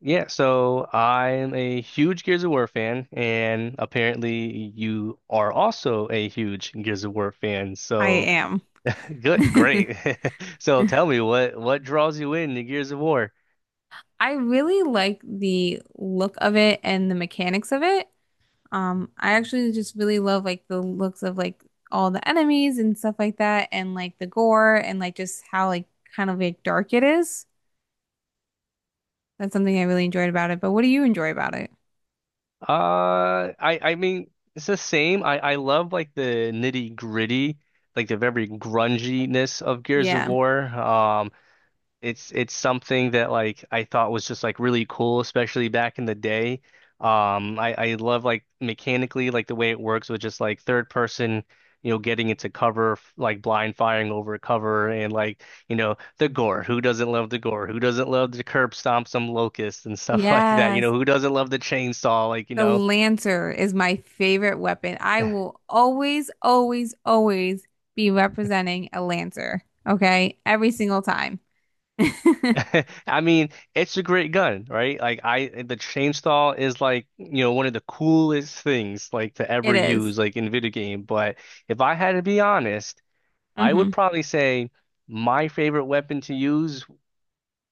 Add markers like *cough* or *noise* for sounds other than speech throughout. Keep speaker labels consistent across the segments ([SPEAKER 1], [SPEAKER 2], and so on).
[SPEAKER 1] Yeah, so I'm a huge Gears of War fan, and apparently you are also a huge Gears of War fan.
[SPEAKER 2] I
[SPEAKER 1] So
[SPEAKER 2] am. *laughs*
[SPEAKER 1] good,
[SPEAKER 2] I
[SPEAKER 1] great. *laughs* So tell me what draws you in to Gears of War?
[SPEAKER 2] really like the look of it and the mechanics of it. I actually just really love like the looks of like all the enemies and stuff like that, and like the gore and like just how like kind of like dark it is. That's something I really enjoyed about it. But what do you enjoy about it?
[SPEAKER 1] I mean it's the same. I love like the nitty gritty, like the very grunginess of Gears of
[SPEAKER 2] Yeah.
[SPEAKER 1] War. It's something that like I thought was just like really cool, especially back in the day. I love like mechanically like the way it works with just like third person, you know, getting into cover f- like blind firing over cover and like you know the gore. Who doesn't love the gore? Who doesn't love the curb stomp some locust and stuff *laughs* like that? You
[SPEAKER 2] Yes,
[SPEAKER 1] know, who doesn't love the chainsaw?
[SPEAKER 2] the Lancer is my favorite weapon. I will always, always, always be representing a Lancer. Okay, every single time. *laughs*
[SPEAKER 1] *laughs* I mean, it's a great gun, right? Like I the chainsaw is like, one of the coolest things like to ever
[SPEAKER 2] It is.
[SPEAKER 1] use like in a video game, but if I had to be honest, I
[SPEAKER 2] Mm-hmm.
[SPEAKER 1] would probably say my favorite weapon to use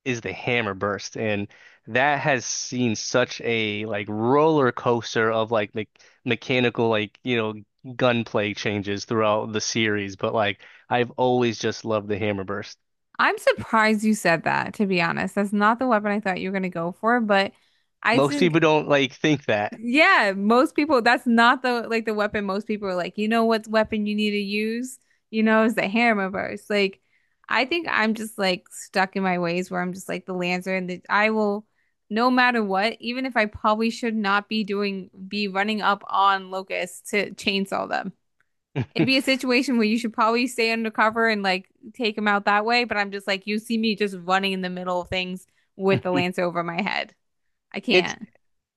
[SPEAKER 1] is the hammer burst, and that has seen such a like roller coaster of like me mechanical like, gunplay changes throughout the series, but like I've always just loved the hammer burst.
[SPEAKER 2] I'm surprised you said that, to be honest. That's not the weapon I thought you were gonna go for, but I
[SPEAKER 1] Most
[SPEAKER 2] think
[SPEAKER 1] people don't like think that.
[SPEAKER 2] yeah, most people that's not the like the weapon most people are like, you know what weapon you need to use, you know, is the hammer burst. Like I think I'm just like stuck in my ways where I'm just like the lancer and the I will no matter what, even if I probably should not be doing be running up on locusts to chainsaw them. It'd
[SPEAKER 1] *laughs*
[SPEAKER 2] be a situation where you should probably stay undercover and like take him out that way, but I'm just like, you see me just running in the middle of things with the lance
[SPEAKER 1] *laughs*
[SPEAKER 2] over my head. I
[SPEAKER 1] It's
[SPEAKER 2] can't.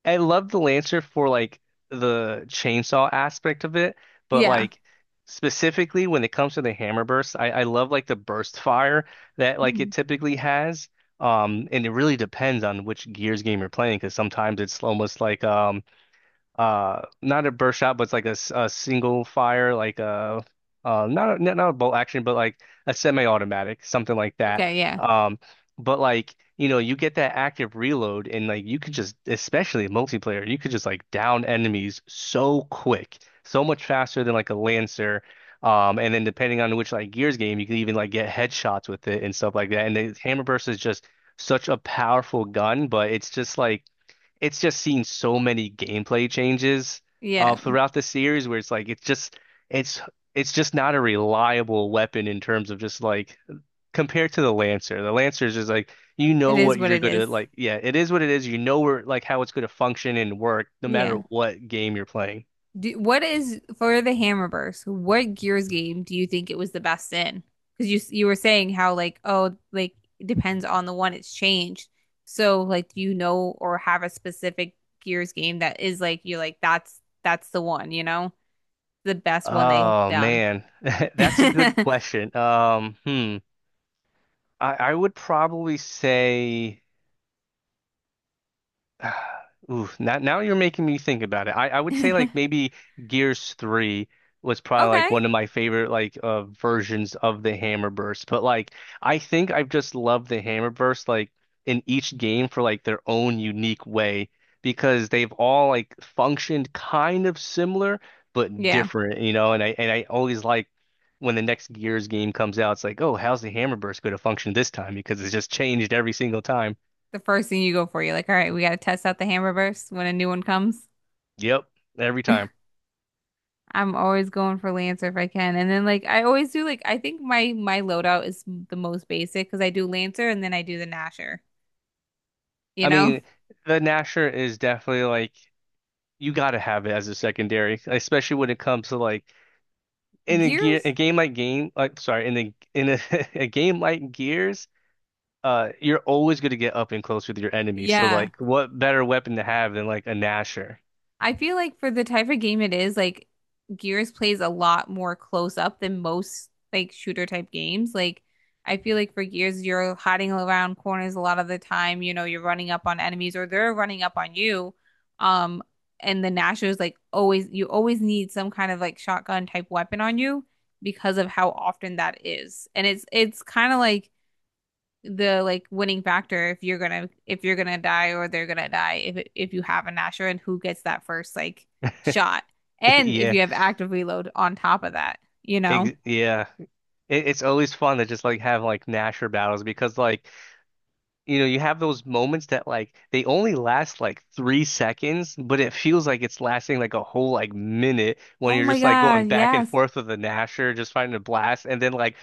[SPEAKER 1] I love the Lancer for like the chainsaw aspect of it, but
[SPEAKER 2] Yeah.
[SPEAKER 1] like specifically when it comes to the hammer burst, I love like the burst fire that like it
[SPEAKER 2] Mhm.
[SPEAKER 1] typically has. And it really depends on which Gears game you're playing because sometimes it's almost like not a burst shot, but it's like a, s- a single fire like a not a bolt action but like a semi-automatic something like that
[SPEAKER 2] Okay, yeah.
[SPEAKER 1] um but like you know you get that active reload, and like you could just especially in multiplayer you could just like down enemies so quick, so much faster than like a Lancer and then depending on which like Gears game you can even like get headshots with it and stuff like that, and the hammer burst is just such a powerful gun, but it's just like it's just seen so many gameplay changes
[SPEAKER 2] Yeah.
[SPEAKER 1] throughout the series where it's like it's it's just not a reliable weapon in terms of just like compared to the Lancer. The Lancer is just like you
[SPEAKER 2] It
[SPEAKER 1] know
[SPEAKER 2] is
[SPEAKER 1] what
[SPEAKER 2] what
[SPEAKER 1] you're
[SPEAKER 2] it
[SPEAKER 1] gonna
[SPEAKER 2] is.
[SPEAKER 1] like. Yeah, it is what it is. You know where like how it's gonna function and work no matter
[SPEAKER 2] Yeah.
[SPEAKER 1] what game you're playing.
[SPEAKER 2] Do, what is for the Hammerverse? What Gears game do you think it was the best in? Because you were saying how like oh like it depends on the one it's changed. So like do you know or have a specific Gears game that is like you're like that's the one, you know? The best one they've
[SPEAKER 1] Oh
[SPEAKER 2] done.
[SPEAKER 1] man, *laughs* that's a good
[SPEAKER 2] *laughs*
[SPEAKER 1] question. Hmm. I would probably say. *sighs* Ooh, now you're making me think about it. I would say like maybe Gears 3 was probably like
[SPEAKER 2] Okay.
[SPEAKER 1] one of my favorite like versions of the Hammer Burst. But like I think I've just loved the Hammer Burst like in each game for like their own unique way because they've all like functioned kind of similar but
[SPEAKER 2] Yeah.
[SPEAKER 1] different, you know, and I always like when the next Gears game comes out, it's like, oh, how's the Hammer Burst going to function this time? Because it's just changed every single time.
[SPEAKER 2] The first thing you go for, you're like, all right, we got to test out the Hammerverse when a new one comes.
[SPEAKER 1] Yep, every time.
[SPEAKER 2] I'm always going for Lancer if I can. And then like I always do like I think my loadout is the most basic because I do Lancer and then I do the Nasher. You
[SPEAKER 1] I
[SPEAKER 2] know?
[SPEAKER 1] mean, the Nasher is definitely like you gotta have it as a secondary, especially when it comes to like in a gear a
[SPEAKER 2] Gears?
[SPEAKER 1] game like sorry in a *laughs* a game like Gears, you're always gonna get up and close with your enemy. So
[SPEAKER 2] Yeah.
[SPEAKER 1] like, what better weapon to have than like a Nasher?
[SPEAKER 2] I feel like for the type of game it is, like Gears plays a lot more close up than most like shooter type games. Like I feel like for Gears, you're hiding around corners a lot of the time. You know, you're running up on enemies or they're running up on you. Um, and the Nashor is like always, you always need some kind of like shotgun type weapon on you because of how often that is. And it's kind of like the like winning factor if you're gonna die or they're gonna die if you have a Nasher and who gets that first like shot
[SPEAKER 1] *laughs*
[SPEAKER 2] and if
[SPEAKER 1] Yeah,
[SPEAKER 2] you have active reload on top of that, you know.
[SPEAKER 1] ex yeah. It's always fun to just like have like Nasher battles because like you know, you have those moments that like they only last like 3 seconds, but it feels like it's lasting like a whole like minute when
[SPEAKER 2] Oh
[SPEAKER 1] you're
[SPEAKER 2] my
[SPEAKER 1] just like going
[SPEAKER 2] God,
[SPEAKER 1] back and
[SPEAKER 2] yes.
[SPEAKER 1] forth with the Nasher, just fighting a blast, and then like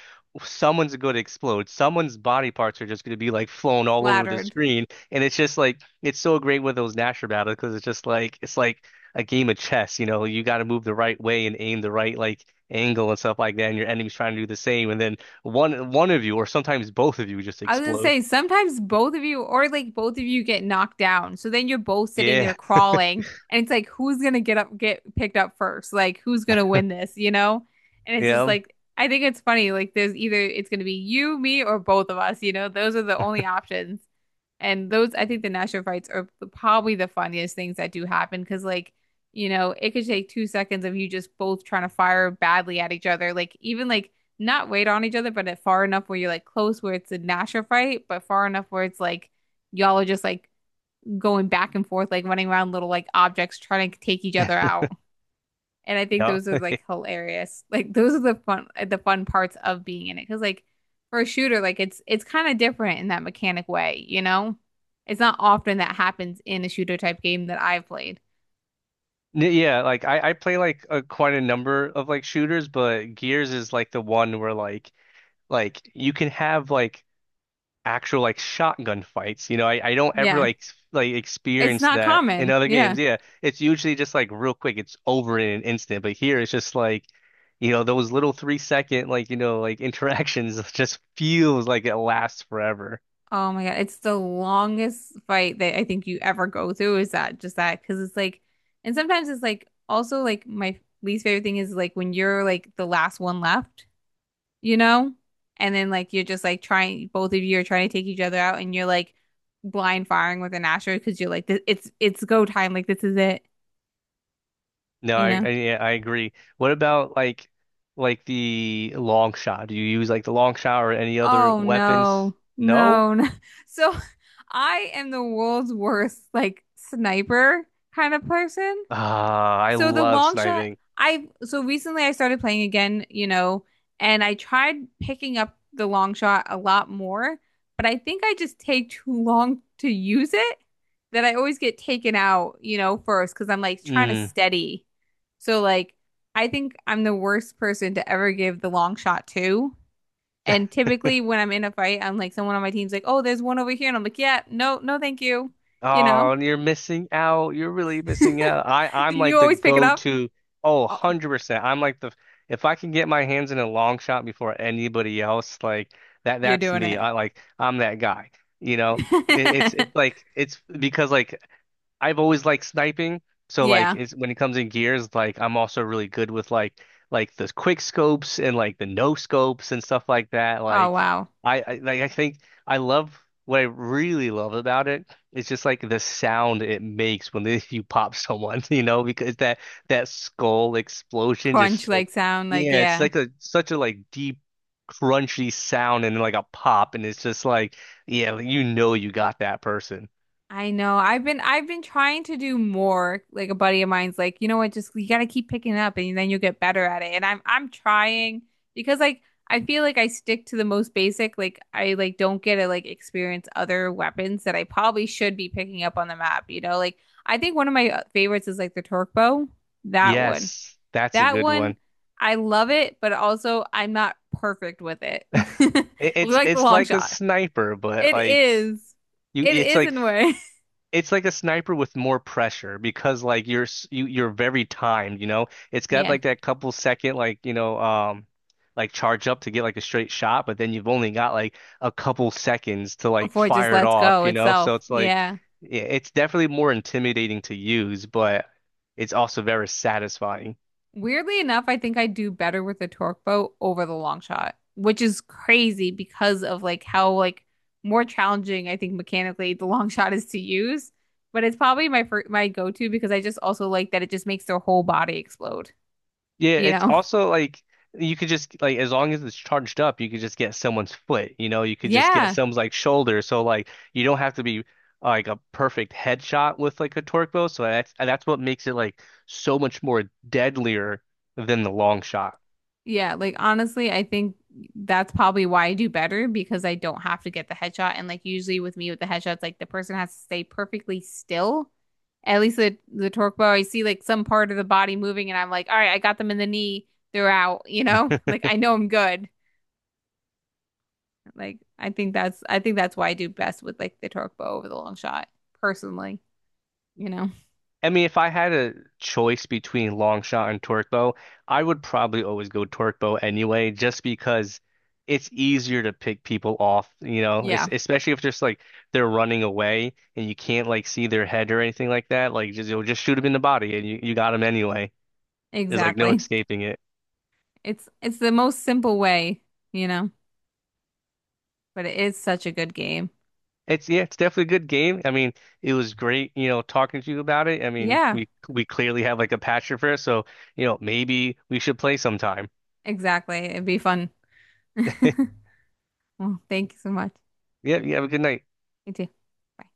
[SPEAKER 1] someone's going to explode. Someone's body parts are just going to be like flown all over the
[SPEAKER 2] Flattered.
[SPEAKER 1] screen, and it's just like it's so great with those Nasher battles because it's just like it's like a game of chess, you know, you got to move the right way and aim the right like angle and stuff like that, and your enemy's trying to do the same, and then one of you or sometimes both of you just
[SPEAKER 2] I was gonna
[SPEAKER 1] explode.
[SPEAKER 2] say sometimes both of you or like both of you get knocked down. So then you're both sitting there
[SPEAKER 1] Yeah.
[SPEAKER 2] crawling and it's like who's gonna get up get picked up first? Like who's gonna win this, you know? And it's just
[SPEAKER 1] Yeah,
[SPEAKER 2] like I think it's funny, like there's either it's gonna be you, me, or both of us, you know? Those are the only options. And those I think the national fights are probably the funniest things that do happen because like you know, it could take 2 seconds of you just both trying to fire badly at each other. Like even like not wait on each other, but at far enough where you're like close where it's a Nasher fight, but far enough where it's like y'all are just like going back and forth, like running around little like objects trying to take each other out. And I think
[SPEAKER 1] yeah,
[SPEAKER 2] those are like hilarious. Like those are the fun parts of being in it. Cause like for a shooter, like it's kind of different in that mechanic way, you know? It's not often that happens in a shooter type game that I've played.
[SPEAKER 1] N- yeah. Like I play like a, quite a number of like shooters, but Gears is like the one where like you can have like actual like shotgun fights. You know, I don't ever
[SPEAKER 2] Yeah.
[SPEAKER 1] like s- like
[SPEAKER 2] It's
[SPEAKER 1] experience
[SPEAKER 2] not
[SPEAKER 1] that in
[SPEAKER 2] common.
[SPEAKER 1] other
[SPEAKER 2] Yeah.
[SPEAKER 1] games. Yeah, it's usually just like real quick. It's over in an instant. But here it's just like, you know, those little 3 second like you know like interactions *laughs* just feels like it lasts forever.
[SPEAKER 2] Oh my God, it's the longest fight that I think you ever go through is that just that because it's like and sometimes it's like also like my least favorite thing is like when you're like the last one left, you know? And then like you're just like trying both of you are trying to take each other out and you're like blind firing with an asteroid because you're like it's go time like this is it,
[SPEAKER 1] No,
[SPEAKER 2] you
[SPEAKER 1] I,
[SPEAKER 2] know?
[SPEAKER 1] I yeah, I agree. What about like the long shot? Do you use like the long shot or any other
[SPEAKER 2] Oh
[SPEAKER 1] weapons?
[SPEAKER 2] no.
[SPEAKER 1] No?
[SPEAKER 2] No, no. *laughs* So I am the world's worst like sniper kind of person.
[SPEAKER 1] Ah, I
[SPEAKER 2] So the
[SPEAKER 1] love
[SPEAKER 2] long shot,
[SPEAKER 1] sniping.
[SPEAKER 2] I so recently I started playing again, you know, and I tried picking up the long shot a lot more, but I think I just take too long to use it that I always get taken out, you know, first because I'm like trying to
[SPEAKER 1] Mm.
[SPEAKER 2] steady. So like I think I'm the worst person to ever give the long shot to. And typically when I'm in a fight, I'm like someone on my team's like, "Oh, there's one over here." And I'm like, "Yeah, no, no, thank you." You
[SPEAKER 1] Oh,
[SPEAKER 2] know?
[SPEAKER 1] and you're missing out. You're really missing out. I
[SPEAKER 2] *laughs*
[SPEAKER 1] I'm
[SPEAKER 2] Do you
[SPEAKER 1] like the
[SPEAKER 2] always pick it up?
[SPEAKER 1] go-to. Oh,
[SPEAKER 2] Oh,
[SPEAKER 1] 100%. I'm like the if I can get my hands in a long shot before anybody else, like that
[SPEAKER 2] you're
[SPEAKER 1] that's me.
[SPEAKER 2] doing
[SPEAKER 1] I like I'm that guy. You know, it's
[SPEAKER 2] it.
[SPEAKER 1] it's
[SPEAKER 2] *laughs*
[SPEAKER 1] like it's because like I've always liked sniping. So like
[SPEAKER 2] Yeah.
[SPEAKER 1] it's when it comes in gears, like I'm also really good with like the quick scopes and like the no scopes and stuff like that.
[SPEAKER 2] Oh
[SPEAKER 1] Like
[SPEAKER 2] wow.
[SPEAKER 1] I like I think I love what I really love about it it's just like the sound it makes when *laughs* they, you pop someone, *laughs* you know, because that that skull explosion
[SPEAKER 2] Crunch
[SPEAKER 1] just like
[SPEAKER 2] like sound like
[SPEAKER 1] yeah, it's
[SPEAKER 2] yeah.
[SPEAKER 1] like a such a like deep crunchy sound and like a pop, and it's just like yeah, like, you know you got that person.
[SPEAKER 2] I know. I've been trying to do more. Like a buddy of mine's like, you know what, just you gotta keep picking it up and then you'll get better at it. And I'm trying because like I feel like I stick to the most basic. Like I like don't get to like experience other weapons that I probably should be picking up on the map, you know? Like I think one of my favorites is like the torque bow. That one.
[SPEAKER 1] Yes, that's a
[SPEAKER 2] That
[SPEAKER 1] good
[SPEAKER 2] one
[SPEAKER 1] one.
[SPEAKER 2] I love it, but also I'm not perfect with it.
[SPEAKER 1] *laughs*
[SPEAKER 2] *laughs*
[SPEAKER 1] It's
[SPEAKER 2] Like the
[SPEAKER 1] it's
[SPEAKER 2] long
[SPEAKER 1] like a
[SPEAKER 2] shot.
[SPEAKER 1] sniper, but
[SPEAKER 2] It
[SPEAKER 1] like
[SPEAKER 2] is.
[SPEAKER 1] you
[SPEAKER 2] It
[SPEAKER 1] it's
[SPEAKER 2] is
[SPEAKER 1] like
[SPEAKER 2] in a way. *laughs*
[SPEAKER 1] it's like a sniper with more pressure because like you're s- you you're very timed, you know. It's got
[SPEAKER 2] Yeah.
[SPEAKER 1] like that couple second like, you know, like charge up to get like a straight shot, but then you've only got like a couple seconds to like
[SPEAKER 2] Before it just
[SPEAKER 1] fire it
[SPEAKER 2] lets
[SPEAKER 1] off,
[SPEAKER 2] go
[SPEAKER 1] you know?
[SPEAKER 2] itself.
[SPEAKER 1] So it's like
[SPEAKER 2] Yeah.
[SPEAKER 1] yeah, it's definitely more intimidating to use, but it's also very satisfying.
[SPEAKER 2] Weirdly enough, I think I do better with the torque boat over the long shot, which is crazy because of like how like more challenging I think mechanically the long *laughs* shot is to use. But it's probably my go-to because I just also like that it just makes their whole body explode,
[SPEAKER 1] Yeah,
[SPEAKER 2] you
[SPEAKER 1] it's
[SPEAKER 2] know? *laughs*
[SPEAKER 1] also like you could just like as long as it's charged up, you could just get someone's foot, you know, you could just get
[SPEAKER 2] Yeah.
[SPEAKER 1] someone's like shoulder. So like you don't have to be like a perfect headshot with like a torque bow. So that's and that's what makes it like so much more deadlier than the long shot.
[SPEAKER 2] Yeah, like honestly, I think that's probably why I do better because I don't have to get the headshot. And like usually with me with the headshots, like the person has to stay perfectly still. At least the torque bow, I see like some part of the body moving, and I'm like, all right, I got them in the knee. They're out, you know? *laughs* Like I know I'm good. Like I think that's why I do best with like the torque bow over the long shot, personally, you know?
[SPEAKER 1] I mean, if I had a choice between long shot and torque bow, I would probably always go torque bow anyway, just because it's easier to pick people off, you know, it's,
[SPEAKER 2] Yeah,
[SPEAKER 1] especially if just like they're running away and you can't like see their head or anything like that. Like just you'll just shoot them in the body, and you got them anyway. There's like no
[SPEAKER 2] exactly.
[SPEAKER 1] escaping it.
[SPEAKER 2] It's the most simple way, you know, but it is such a good game.
[SPEAKER 1] It's yeah, it's definitely a good game. I mean, it was great, you know, talking to you about it. I mean,
[SPEAKER 2] Yeah.
[SPEAKER 1] we clearly have like a passion for it, so you know, maybe we should play sometime.
[SPEAKER 2] Exactly. It'd be fun. *laughs*
[SPEAKER 1] *laughs*
[SPEAKER 2] Well, thank you so much.
[SPEAKER 1] Yeah, you have a good night.
[SPEAKER 2] You too. Bye.